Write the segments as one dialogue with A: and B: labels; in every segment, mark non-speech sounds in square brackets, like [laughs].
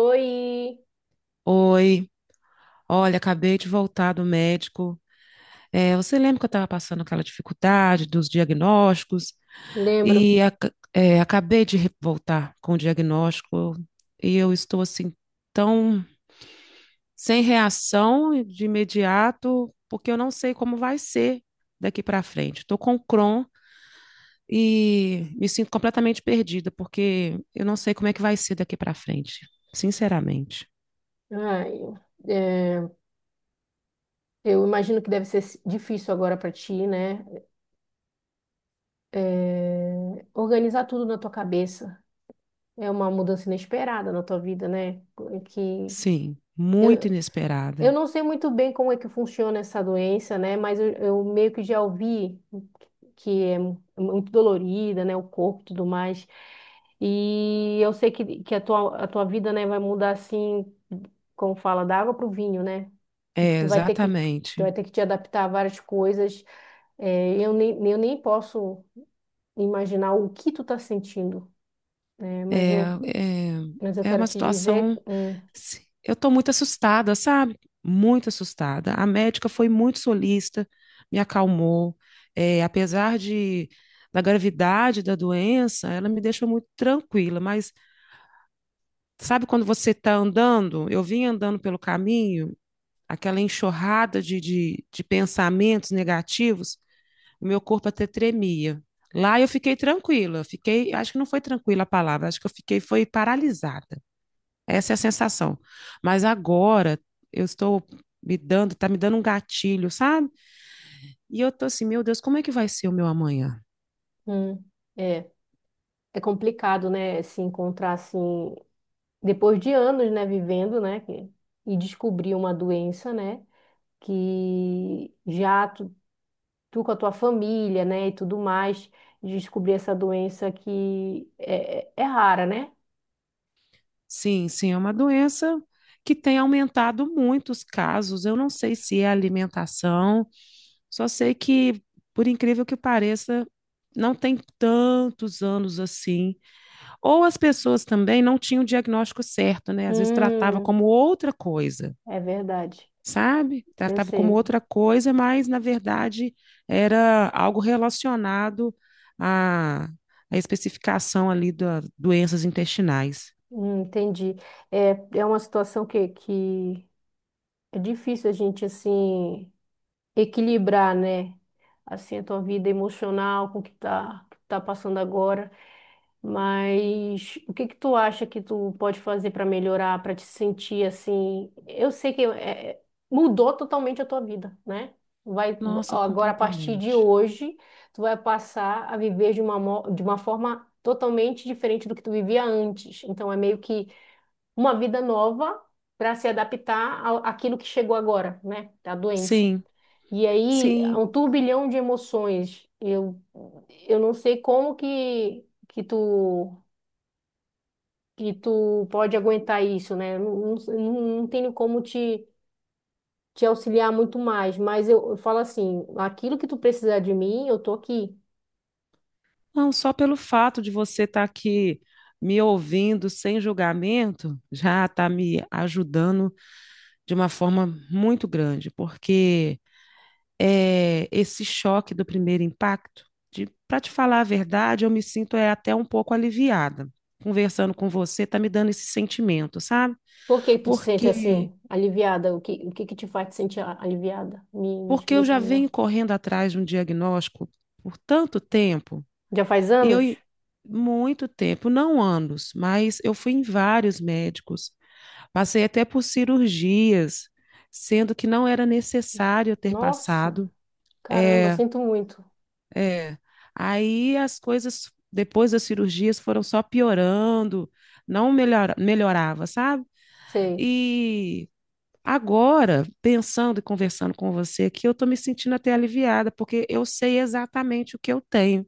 A: Oi,
B: Oi, olha, acabei de voltar do médico. Você lembra que eu estava passando aquela dificuldade dos diagnósticos?
A: lembro.
B: Acabei de voltar com o diagnóstico e eu estou assim tão sem reação de imediato, porque eu não sei como vai ser daqui para frente. Estou com Crohn e me sinto completamente perdida, porque eu não sei como é que vai ser daqui para frente, sinceramente.
A: Ai, é, eu imagino que deve ser difícil agora para ti, né? É, organizar tudo na tua cabeça. É uma mudança inesperada na tua vida, né? Que
B: Sim, muito
A: eu, eu
B: inesperada.
A: não sei muito bem como é que funciona essa doença, né? Mas eu meio que já ouvi. Que é muito dolorida, né? O corpo e tudo mais. E eu sei que a tua vida, né, vai mudar assim, como fala, da água para o vinho, né? De Que
B: É,
A: tu
B: exatamente.
A: vai ter que te adaptar a várias coisas. É, eu nem posso imaginar o que tu tá sentindo, né? Mas
B: É,
A: eu, mas eu
B: é, é
A: quero
B: uma
A: te dizer,
B: situação. Eu estou muito assustada, sabe? Muito assustada. A médica foi muito solícita, me acalmou. É, apesar da gravidade da doença, ela me deixou muito tranquila. Mas sabe quando você está andando? Eu vim andando pelo caminho, aquela enxurrada de pensamentos negativos, o meu corpo até tremia. Lá eu fiquei tranquila, fiquei, acho que não foi tranquila a palavra, acho que eu fiquei foi paralisada. Essa é a sensação. Mas agora eu estou tá me dando um gatilho, sabe? E eu tô assim, meu Deus, como é que vai ser o meu amanhã?
A: hum, é, é complicado, né, se encontrar assim, depois de anos, né, vivendo, né, e descobrir uma doença, né? Que tu com a tua família, né, e tudo mais, descobrir essa doença que é, é rara, né?
B: Sim, sim, é uma doença que tem aumentado muito os casos. Eu não sei se é alimentação. Só sei que, por incrível que pareça, não tem tantos anos assim. Ou as pessoas também não tinham o diagnóstico certo, né? Às vezes tratava como
A: Hum,
B: outra coisa,
A: é verdade.
B: sabe?
A: Eu
B: Tratava como
A: sei.
B: outra coisa, mas na verdade era algo relacionado à, à especificação ali das doenças intestinais.
A: Entendi. É, é uma situação que é difícil a gente, assim, equilibrar, né? Assim, a tua vida emocional com o que que tá passando agora. Mas o que que tu acha que tu pode fazer para melhorar, para te sentir assim? Eu sei que é, é, mudou totalmente a tua vida, né? Vai
B: Nossa,
A: agora a partir de
B: completamente.
A: hoje, tu vai passar a viver de uma, de uma forma totalmente diferente do que tu vivia antes. Então é meio que uma vida nova para se adaptar àquilo que chegou agora, né? Da doença.
B: Sim,
A: E aí, é um
B: sim.
A: turbilhão de emoções. Eu não sei como que tu pode aguentar isso, né? Eu não, não tenho como te auxiliar muito mais, mas eu falo assim, aquilo que tu precisar de mim, eu tô aqui.
B: Não, só pelo fato de você estar aqui me ouvindo sem julgamento, já está me ajudando de uma forma muito grande, porque esse choque do primeiro impacto, de, para te falar a verdade, eu me sinto até um pouco aliviada. Conversando com você, está me dando esse sentimento, sabe?
A: Por que tu te sente
B: Porque,
A: assim, aliviada? O que que te faz te sentir aliviada? Me
B: porque eu
A: explica
B: já
A: melhor.
B: venho correndo atrás de um diagnóstico por tanto tempo.
A: Já faz
B: E eu,
A: anos?
B: i- muito tempo, não anos, mas eu fui em vários médicos, passei até por cirurgias, sendo que não era necessário eu ter
A: Nossa,
B: passado.
A: caramba,
B: É,
A: sinto muito.
B: é. Aí as coisas, depois das cirurgias, foram só piorando, não melhora, melhorava, sabe?
A: Sei.
B: E. Agora, pensando e conversando com você aqui, eu estou me sentindo até aliviada, porque eu sei exatamente o que eu tenho.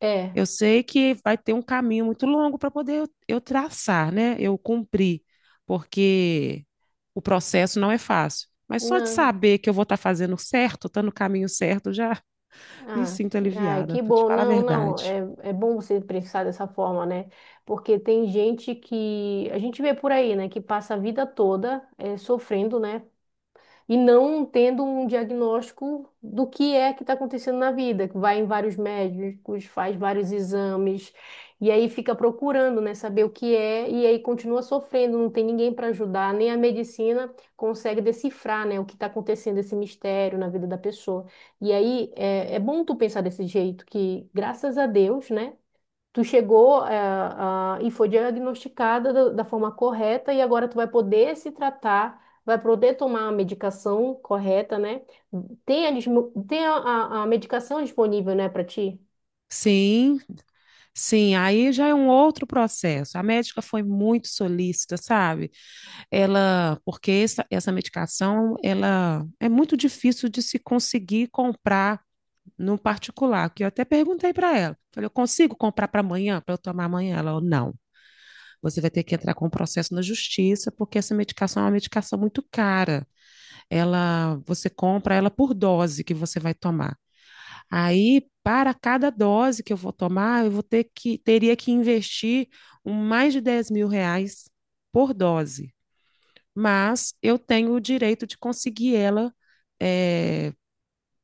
A: É,
B: Eu sei que vai ter um caminho muito longo para poder eu traçar, né? Eu cumprir, porque o processo não é fácil. Mas só de
A: não.
B: saber que eu vou estar fazendo certo, estar no caminho certo, já [laughs] me
A: Ah,
B: sinto
A: ai,
B: aliviada,
A: que
B: para te
A: bom.
B: falar a
A: Não, não,
B: verdade.
A: é, é bom você pensar dessa forma, né? Porque tem gente que a gente vê por aí, né, que passa a vida toda sofrendo, né, e não tendo um diagnóstico do que é que está acontecendo na vida, que vai em vários médicos, faz vários exames, e aí fica procurando, né, saber o que é, e aí continua sofrendo, não tem ninguém para ajudar, nem a medicina consegue decifrar, né, o que está acontecendo, esse mistério na vida da pessoa. E aí é, é bom tu pensar desse jeito, que graças a Deus, né? Tu chegou, e foi diagnosticada da forma correta e agora tu vai poder se tratar, vai poder tomar a medicação correta, né? Tem a, tem a medicação disponível, né, para ti?
B: Sim, sim, aí já é um outro processo. A médica foi muito solícita, sabe? Essa medicação, ela é muito difícil de se conseguir comprar no particular, que eu até perguntei para ela. Falei, eu consigo comprar para amanhã, para eu tomar amanhã? Ela falou, não, você vai ter que entrar com um processo na justiça, porque essa medicação é uma medicação muito cara. Ela, você compra ela por dose que você vai tomar. Aí, para cada dose que eu vou tomar, eu vou ter que, teria que investir mais de R$ 10.000 por dose. Mas eu tenho o direito de conseguir ela, é,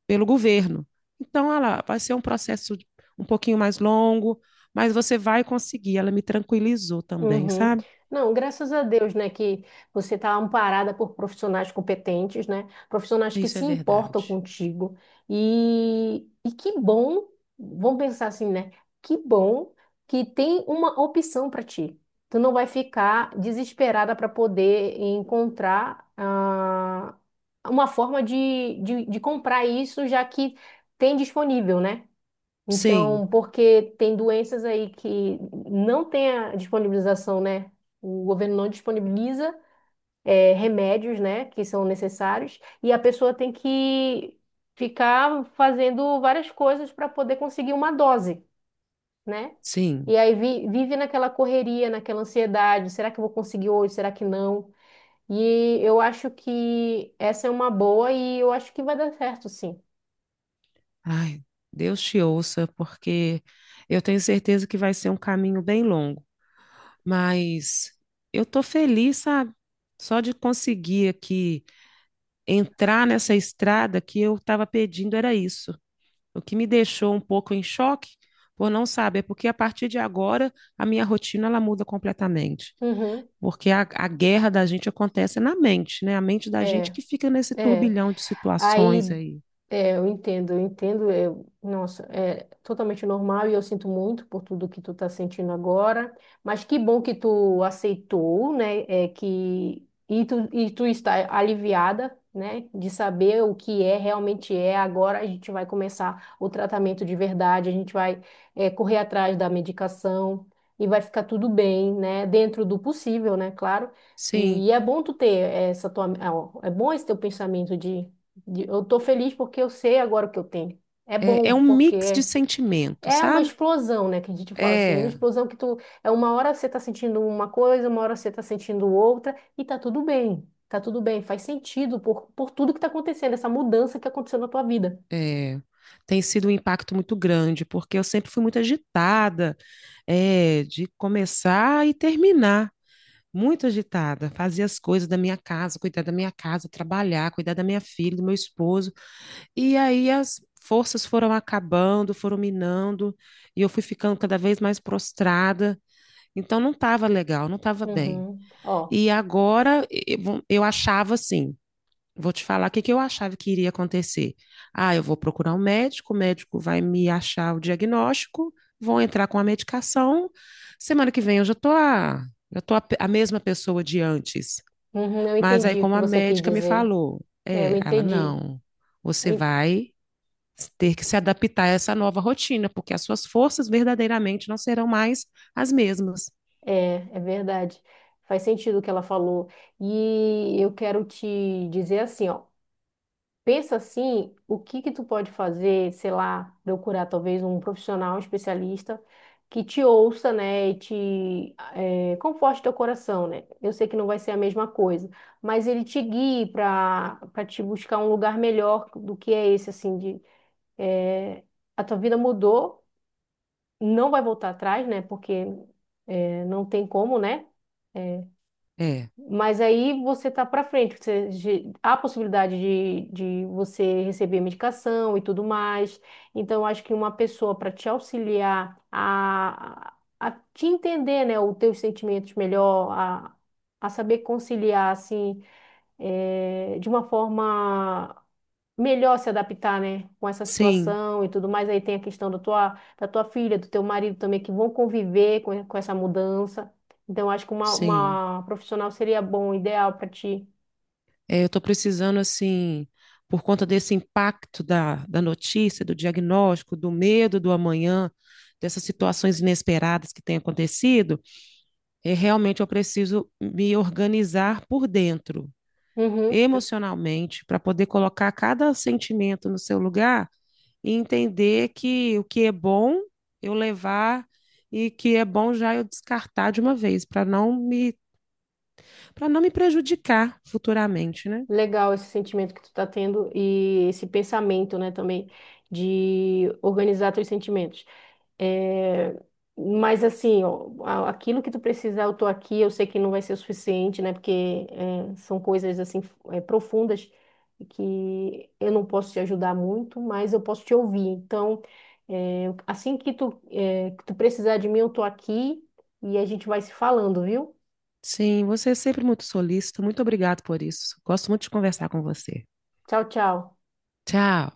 B: pelo governo. Então, ela vai ser um processo um pouquinho mais longo, mas você vai conseguir. Ela me tranquilizou também,
A: Uhum.
B: sabe?
A: Não, graças a Deus, né, que você está amparada por profissionais competentes, né, profissionais que
B: Isso
A: se
B: é
A: importam
B: verdade.
A: contigo. E que bom, vamos pensar assim, né, que bom que tem uma opção para ti. Tu não vai ficar desesperada para poder encontrar uma forma de comprar isso, já que tem disponível, né?
B: Sim,
A: Então, porque tem doenças aí que não tem a disponibilização, né? O governo não disponibiliza remédios, né, que são necessários, e a pessoa tem que ficar fazendo várias coisas para poder conseguir uma dose, né?
B: sim.
A: E aí vive naquela correria, naquela ansiedade, será que eu vou conseguir hoje, será que não? E eu acho que essa é uma boa e eu acho que vai dar certo, sim.
B: Ai, Deus te ouça, porque eu tenho certeza que vai ser um caminho bem longo. Mas eu tô feliz, sabe? Só de conseguir aqui entrar nessa estrada, que eu estava pedindo era isso. O que me deixou um pouco em choque por não saber, é porque a partir de agora a minha rotina ela muda completamente.
A: Uhum,
B: Porque a guerra da gente acontece na mente, né? A mente da gente
A: é,
B: que fica nesse
A: é.
B: turbilhão de situações
A: Aí
B: aí.
A: é, eu entendo, eu entendo. É, nossa, é totalmente normal e eu sinto muito por tudo que tu tá sentindo agora. Mas que bom que tu aceitou, né? É que e tu está aliviada, né? De saber o que é realmente é. Agora a gente vai começar o tratamento de verdade. A gente vai é, correr atrás da medicação e vai ficar tudo bem, né? Dentro do possível, né? Claro.
B: Sim,
A: E, é bom tu ter essa tua, é bom esse teu pensamento eu tô feliz porque eu sei agora o que eu tenho. É
B: é,
A: bom,
B: é um mix de
A: porque
B: sentimentos,
A: é uma
B: sabe?
A: explosão, né? Que a gente fala assim, é uma
B: É,
A: explosão que tu... É uma hora você tá sentindo uma coisa, uma hora você tá sentindo outra, e tá tudo bem. Tá tudo bem, faz sentido por tudo que tá acontecendo, essa mudança que aconteceu na tua vida.
B: é, tem sido um impacto muito grande, porque eu sempre fui muito agitada, é, de começar e terminar. Muito agitada, fazia as coisas da minha casa, cuidar da minha casa, trabalhar, cuidar da minha filha, do meu esposo. E aí as forças foram acabando, foram minando, e eu fui ficando cada vez mais prostrada. Então não estava legal, não estava bem.
A: Uhum. Ó,
B: E agora eu achava assim, vou te falar o que que eu achava que iria acontecer. Ah, eu vou procurar um médico, o médico vai me achar o diagnóstico, vou entrar com a medicação. Semana que vem eu já tô a, pe- a mesma pessoa de antes.
A: uhum, eu
B: Mas aí,
A: entendi o
B: como
A: que
B: a
A: você quis
B: médica me
A: dizer.
B: falou,
A: É, eu
B: é, ela,
A: entendi.
B: não,
A: Eu
B: você
A: en-
B: vai ter que se adaptar a essa nova rotina, porque as suas forças verdadeiramente não serão mais as mesmas.
A: é, é verdade. Faz sentido o que ela falou. E eu quero te dizer assim, ó. Pensa assim, o que que tu pode fazer, sei lá, procurar talvez um profissional, um especialista que te ouça, né, e te conforte teu coração, né? Eu sei que não vai ser a mesma coisa, mas ele te guie para te buscar um lugar melhor do que é esse, assim, de eh, a tua vida mudou, não vai voltar atrás, né? Porque não tem como, né?
B: É,
A: Mas aí você tá para frente, você, há possibilidade de você receber medicação e tudo mais. Então, eu acho que uma pessoa para te auxiliar a te entender, né, os teus sentimentos melhor, a saber conciliar, assim, de uma forma melhor se adaptar, né, com essa
B: sim,
A: situação e tudo mais. Aí tem a questão da tua filha, do teu marido também, que vão conviver com essa mudança. Então, acho que
B: sim.
A: uma profissional seria bom, ideal para ti.
B: É, eu estou precisando, assim, por conta desse impacto da notícia, do diagnóstico, do medo do amanhã, dessas situações inesperadas que têm acontecido, é, realmente eu preciso me organizar por dentro,
A: Uhum.
B: emocionalmente, para poder colocar cada sentimento no seu lugar e entender que o que é bom eu levar e que é bom já eu descartar de uma vez, para não me prejudicar futuramente, né?
A: Legal esse sentimento que tu tá tendo e esse pensamento, né, também de organizar teus sentimentos. É, mas assim, ó, aquilo que tu precisar, eu tô aqui, eu sei que não vai ser o suficiente, né? Porque é, são coisas assim é, profundas que eu não posso te ajudar muito, mas eu posso te ouvir. Então, é, assim que tu, é, que tu precisar de mim, eu tô aqui e a gente vai se falando, viu?
B: Sim, você é sempre muito solícita. Muito obrigado por isso. Gosto muito de conversar com você.
A: Tchau, tchau.
B: Tchau.